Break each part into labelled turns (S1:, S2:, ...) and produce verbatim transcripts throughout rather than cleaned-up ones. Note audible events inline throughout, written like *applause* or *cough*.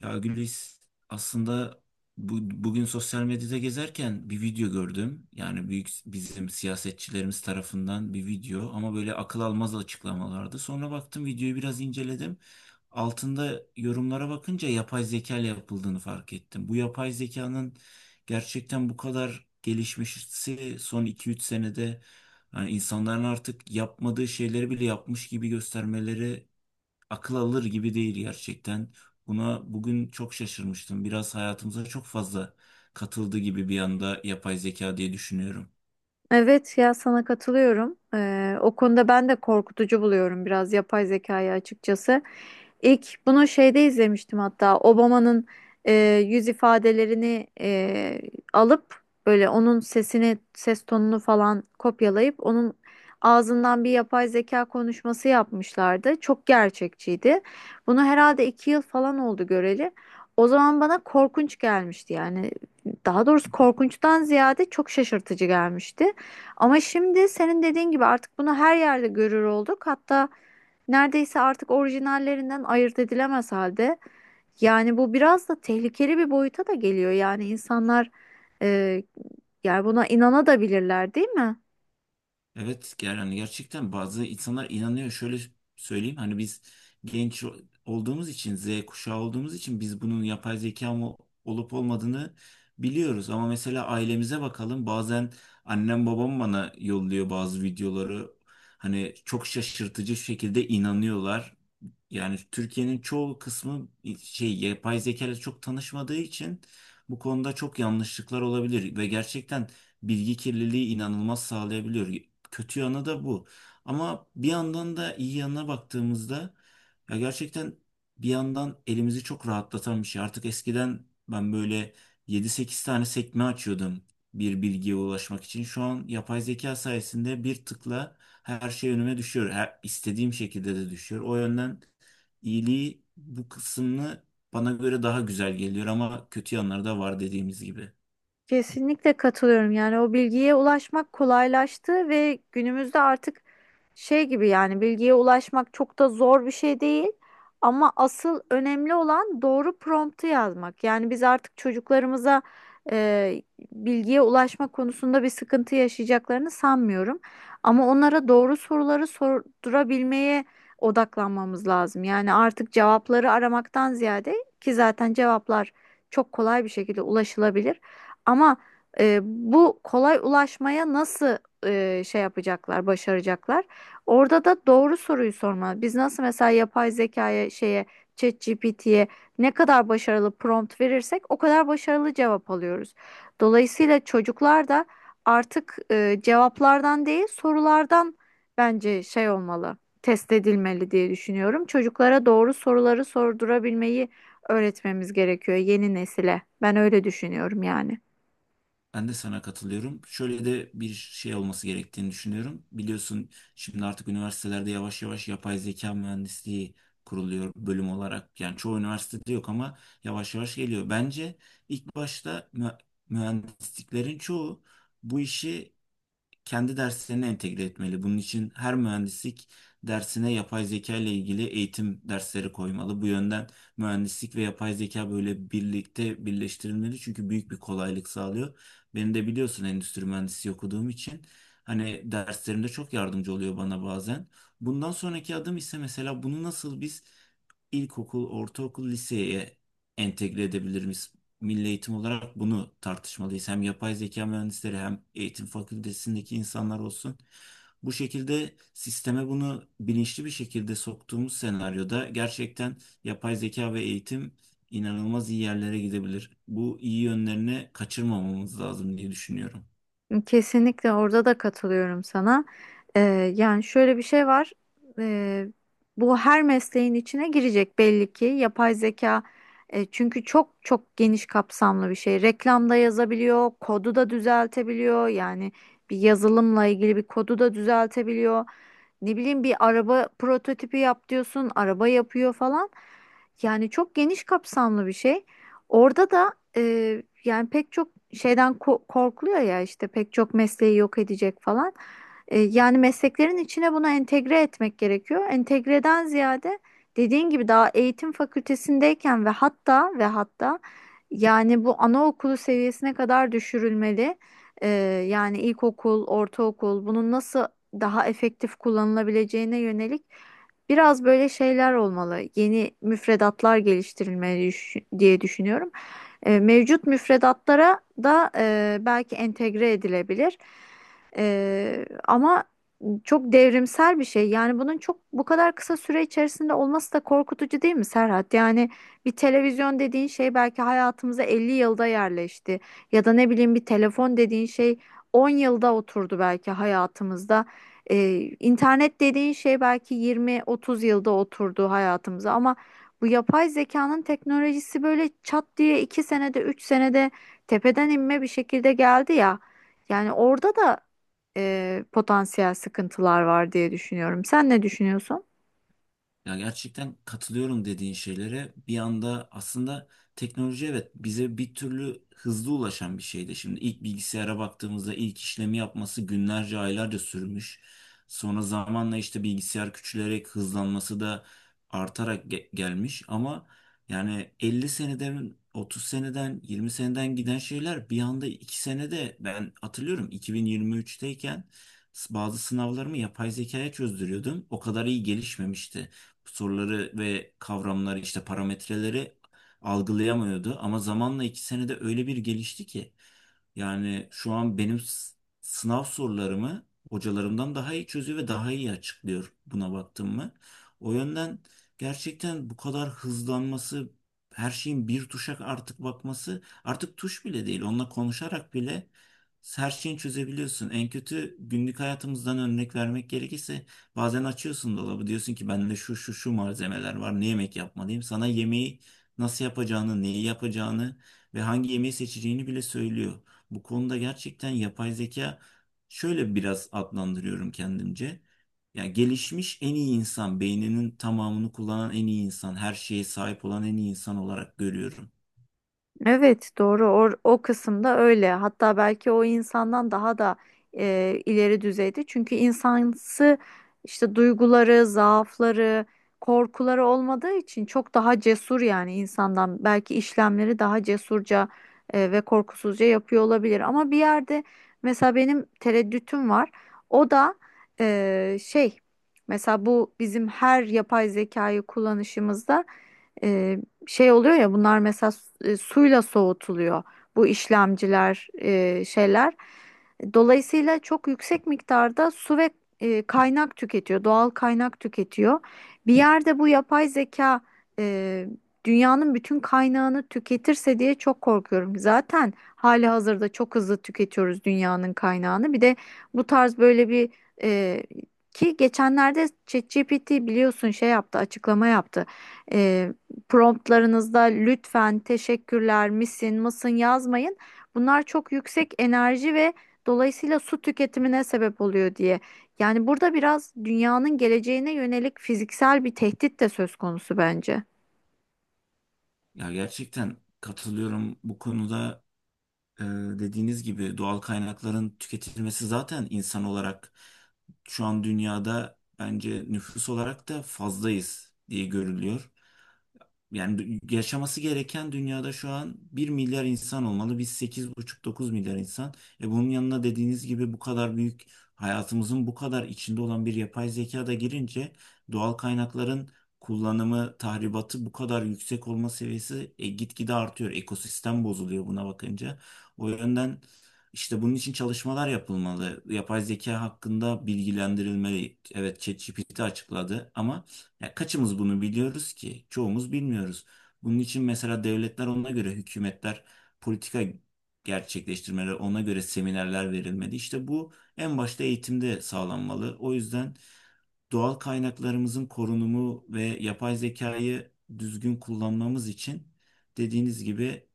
S1: Ya Gülis aslında bu, bugün sosyal medyada gezerken bir video gördüm. Yani büyük bizim siyasetçilerimiz tarafından bir video ama böyle akıl almaz açıklamalardı. Sonra baktım videoyu biraz inceledim. Altında yorumlara bakınca yapay zeka ile yapıldığını fark ettim. Bu yapay zekanın gerçekten bu kadar gelişmesi son iki üç senede yani insanların artık yapmadığı şeyleri bile yapmış gibi göstermeleri akıl alır gibi değil gerçekten. Buna bugün çok şaşırmıştım. Biraz hayatımıza çok fazla katıldı gibi bir anda yapay zeka diye düşünüyorum.
S2: Evet ya sana katılıyorum. Ee, o konuda ben de korkutucu buluyorum biraz yapay zekayı açıkçası. İlk bunu şeyde izlemiştim hatta Obama'nın e, yüz ifadelerini e, alıp böyle onun sesini ses tonunu falan kopyalayıp onun ağzından bir yapay zeka konuşması yapmışlardı. Çok gerçekçiydi. Bunu herhalde iki yıl falan oldu göreli. O zaman bana korkunç gelmişti yani. Daha doğrusu korkunçtan ziyade çok şaşırtıcı gelmişti. Ama şimdi senin dediğin gibi artık bunu her yerde görür olduk. Hatta neredeyse artık orijinallerinden ayırt edilemez halde. Yani bu biraz da tehlikeli bir boyuta da geliyor. Yani insanlar e, yani buna inanabilirler, değil mi?
S1: Evet ger- yani gerçekten bazı insanlar inanıyor. Şöyle söyleyeyim hani biz genç olduğumuz için Z kuşağı olduğumuz için biz bunun yapay zeka mı olup olmadığını biliyoruz. Ama mesela ailemize bakalım bazen annem babam bana yolluyor bazı videoları. Hani çok şaşırtıcı şekilde inanıyorlar. Yani Türkiye'nin çoğu kısmı şey yapay zeka ile çok tanışmadığı için bu konuda çok yanlışlıklar olabilir ve gerçekten bilgi kirliliği inanılmaz sağlayabiliyor. Kötü yanı da bu. Ama bir yandan da iyi yanına baktığımızda ya gerçekten bir yandan elimizi çok rahatlatan bir şey. Artık eskiden ben böyle yedi sekiz tane sekme açıyordum bir bilgiye ulaşmak için. Şu an yapay zeka sayesinde bir tıkla her şey önüme düşüyor. Her, istediğim şekilde de düşüyor. O yönden iyiliği bu kısmını bana göre daha güzel geliyor ama kötü yanları da var dediğimiz gibi.
S2: Kesinlikle katılıyorum. Yani o bilgiye ulaşmak kolaylaştı ve günümüzde artık şey gibi yani bilgiye ulaşmak çok da zor bir şey değil. Ama asıl önemli olan doğru promptu yazmak. Yani biz artık çocuklarımıza e, bilgiye ulaşma konusunda bir sıkıntı yaşayacaklarını sanmıyorum. Ama onlara doğru soruları sordurabilmeye odaklanmamız lazım. Yani artık cevapları aramaktan ziyade ki zaten cevaplar çok kolay bir şekilde ulaşılabilir. Ama e, bu kolay ulaşmaya nasıl e, şey yapacaklar, başaracaklar? Orada da doğru soruyu sorma. Biz nasıl mesela yapay zekaya şeye ChatGPT'ye ne kadar başarılı prompt verirsek o kadar başarılı cevap alıyoruz. Dolayısıyla çocuklar da artık e, cevaplardan değil sorulardan bence şey olmalı, test edilmeli diye düşünüyorum. Çocuklara doğru soruları sordurabilmeyi öğretmemiz gerekiyor yeni nesile. Ben öyle düşünüyorum yani.
S1: Ben de sana katılıyorum. Şöyle de bir şey olması gerektiğini düşünüyorum. Biliyorsun şimdi artık üniversitelerde yavaş yavaş yapay zeka mühendisliği kuruluyor bölüm olarak. Yani çoğu üniversitede yok ama yavaş yavaş geliyor. Bence ilk başta mü- mühendisliklerin çoğu bu işi kendi derslerine entegre etmeli. Bunun için her mühendislik dersine yapay zeka ile ilgili eğitim dersleri koymalı. Bu yönden mühendislik ve yapay zeka böyle birlikte birleştirilmeli çünkü büyük bir kolaylık sağlıyor. Beni de biliyorsun endüstri mühendisi okuduğum için hani derslerimde çok yardımcı oluyor bana bazen. Bundan sonraki adım ise mesela bunu nasıl biz ilkokul, ortaokul, liseye entegre edebiliriz? Milli eğitim olarak bunu tartışmalıyız. Hem yapay zeka mühendisleri hem eğitim fakültesindeki insanlar olsun. Bu şekilde sisteme bunu bilinçli bir şekilde soktuğumuz senaryoda gerçekten yapay zeka ve eğitim inanılmaz iyi yerlere gidebilir. Bu iyi yönlerini kaçırmamamız lazım diye düşünüyorum.
S2: Kesinlikle orada da katılıyorum sana. Ee, Yani şöyle bir şey var. Ee, Bu her mesleğin içine girecek belli ki. Yapay zeka e, çünkü çok çok geniş kapsamlı bir şey. Reklamda yazabiliyor, kodu da düzeltebiliyor. Yani bir yazılımla ilgili bir kodu da düzeltebiliyor. Ne bileyim bir araba prototipi yap diyorsun, araba yapıyor falan. Yani çok geniş kapsamlı bir şey. Orada da e, yani pek çok şeyden ko- korkuluyor ya işte pek çok mesleği yok edecek falan. E, yani mesleklerin içine bunu entegre etmek gerekiyor. Entegreden ziyade dediğin gibi daha eğitim fakültesindeyken ve hatta ve hatta yani bu anaokulu seviyesine kadar düşürülmeli. E, Yani ilkokul, ortaokul bunun nasıl daha efektif kullanılabileceğine yönelik biraz böyle şeyler olmalı. Yeni müfredatlar geliştirilmeli düş- diye düşünüyorum. E, mevcut müfredatlara da e, belki entegre edilebilir. E, ama çok devrimsel bir şey. Yani bunun çok bu kadar kısa süre içerisinde olması da korkutucu değil mi, Serhat? Yani bir televizyon dediğin şey belki hayatımıza elli yılda yerleşti. Ya da ne bileyim bir telefon dediğin şey on yılda oturdu belki hayatımızda. E, internet dediğin şey belki yirmi otuz yılda oturdu hayatımıza ama bu yapay zekanın teknolojisi böyle çat diye iki senede, üç senede tepeden inme bir şekilde geldi ya. Yani orada da e, potansiyel sıkıntılar var diye düşünüyorum. Sen ne düşünüyorsun?
S1: Ya gerçekten katılıyorum dediğin şeylere. Bir anda aslında teknoloji evet bize bir türlü hızlı ulaşan bir şeydi. Şimdi ilk bilgisayara baktığımızda ilk işlemi yapması günlerce aylarca sürmüş. Sonra zamanla işte bilgisayar küçülerek hızlanması da artarak ge- gelmiş. Ama yani elli seneden otuz seneden yirmi seneden giden şeyler bir anda iki senede ben hatırlıyorum iki bin yirmi üç'teyken bazı sınavlarımı yapay zekaya çözdürüyordum. O kadar iyi gelişmemişti soruları ve kavramları işte parametreleri algılayamıyordu. Ama zamanla iki senede öyle bir gelişti ki yani şu an benim s- sınav sorularımı hocalarımdan daha iyi çözüyor ve daha iyi açıklıyor buna baktım mı. O yönden gerçekten bu kadar hızlanması her şeyin bir tuşa artık bakması artık tuş bile değil onunla konuşarak bile her şeyi çözebiliyorsun. En kötü günlük hayatımızdan örnek vermek gerekirse bazen açıyorsun dolabı diyorsun ki bende şu şu şu malzemeler var ne yemek yapmalıyım. Sana yemeği nasıl yapacağını, neyi yapacağını ve hangi yemeği seçeceğini bile söylüyor. Bu konuda gerçekten yapay zeka şöyle biraz adlandırıyorum kendimce. Ya gelişmiş en iyi insan, beyninin tamamını kullanan en iyi insan, her şeye sahip olan en iyi insan olarak görüyorum.
S2: Evet, doğru. O, o kısımda öyle, hatta belki o insandan daha da e, ileri düzeyde, çünkü insansı işte duyguları, zaafları, korkuları olmadığı için çok daha cesur. Yani insandan belki işlemleri daha cesurca e, ve korkusuzca yapıyor olabilir ama bir yerde mesela benim tereddütüm var. O da e, şey, mesela bu bizim her yapay zekayı kullanışımızda şey oluyor ya, bunlar mesela e, suyla soğutuluyor bu işlemciler, e, şeyler. Dolayısıyla çok yüksek miktarda su ve e, kaynak tüketiyor, doğal kaynak tüketiyor. Bir yerde bu yapay zeka e, dünyanın bütün kaynağını tüketirse diye çok korkuyorum. Zaten hali hazırda çok hızlı tüketiyoruz dünyanın kaynağını. Bir de bu tarz böyle bir e, ki geçenlerde ChatGPT biliyorsun şey yaptı, açıklama yaptı. E, Promptlarınızda lütfen teşekkürler misin mısın yazmayın. Bunlar çok yüksek enerji ve dolayısıyla su tüketimine sebep oluyor diye. Yani burada biraz dünyanın geleceğine yönelik fiziksel bir tehdit de söz konusu bence.
S1: Ya gerçekten katılıyorum bu konuda. Ee, Dediğiniz gibi doğal kaynakların tüketilmesi zaten insan olarak şu an dünyada bence nüfus olarak da fazlayız diye görülüyor. Yani yaşaması gereken dünyada şu an bir milyar insan olmalı. Biz sekiz buçuk dokuz milyar insan. E bunun yanına dediğiniz gibi bu kadar büyük hayatımızın bu kadar içinde olan bir yapay zeka da girince doğal kaynakların kullanımı, tahribatı bu kadar yüksek olma seviyesi e, gitgide artıyor. Ekosistem bozuluyor buna bakınca. O yönden işte bunun için çalışmalar yapılmalı. Yapay zeka hakkında bilgilendirilmeli. Evet, ChatGPT açıkladı ama ya kaçımız bunu biliyoruz ki? Çoğumuz bilmiyoruz. Bunun için mesela devletler ona göre, hükümetler politika gerçekleştirmeleri, ona göre seminerler verilmeli. İşte bu en başta eğitimde sağlanmalı. O yüzden doğal kaynaklarımızın korunumu ve yapay zekayı düzgün kullanmamız için dediğiniz gibi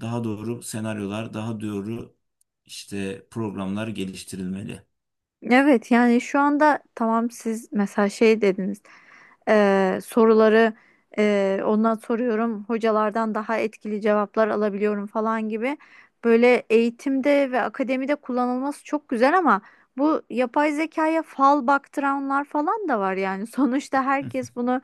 S1: daha doğru senaryolar, daha doğru işte programlar geliştirilmeli.
S2: Evet, yani şu anda tamam, siz mesela şey dediniz, eee, soruları eee, ondan soruyorum, hocalardan daha etkili cevaplar alabiliyorum falan gibi, böyle eğitimde ve akademide kullanılması çok güzel ama bu yapay zekaya fal baktıranlar falan da var yani *laughs* sonuçta herkes bunu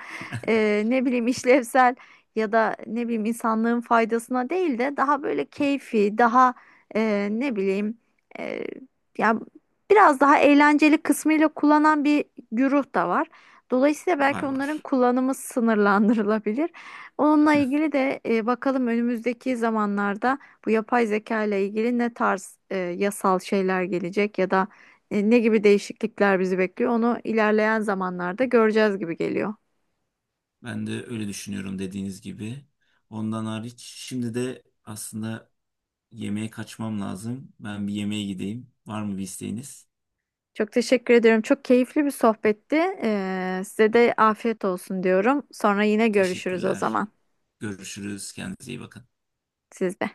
S2: eee, ne bileyim işlevsel ya da ne bileyim insanlığın faydasına değil de daha böyle keyfi, daha eee, ne bileyim eee, ya biraz daha eğlenceli kısmıyla kullanan bir güruh da var. Dolayısıyla
S1: Var
S2: belki onların
S1: var.
S2: kullanımı sınırlandırılabilir. Onunla ilgili de e, bakalım önümüzdeki zamanlarda bu yapay zeka ile ilgili ne tarz e, yasal şeyler gelecek ya da e, ne gibi değişiklikler bizi bekliyor, onu ilerleyen zamanlarda göreceğiz gibi geliyor.
S1: Ben de öyle düşünüyorum dediğiniz gibi. Ondan hariç şimdi de aslında yemeğe kaçmam lazım. Ben bir yemeğe gideyim. Var mı bir isteğiniz?
S2: Çok teşekkür ediyorum. Çok keyifli bir sohbetti. E, size de afiyet olsun diyorum. Sonra yine görüşürüz o
S1: Teşekkürler.
S2: zaman
S1: Görüşürüz. Kendinize iyi bakın.
S2: sizde.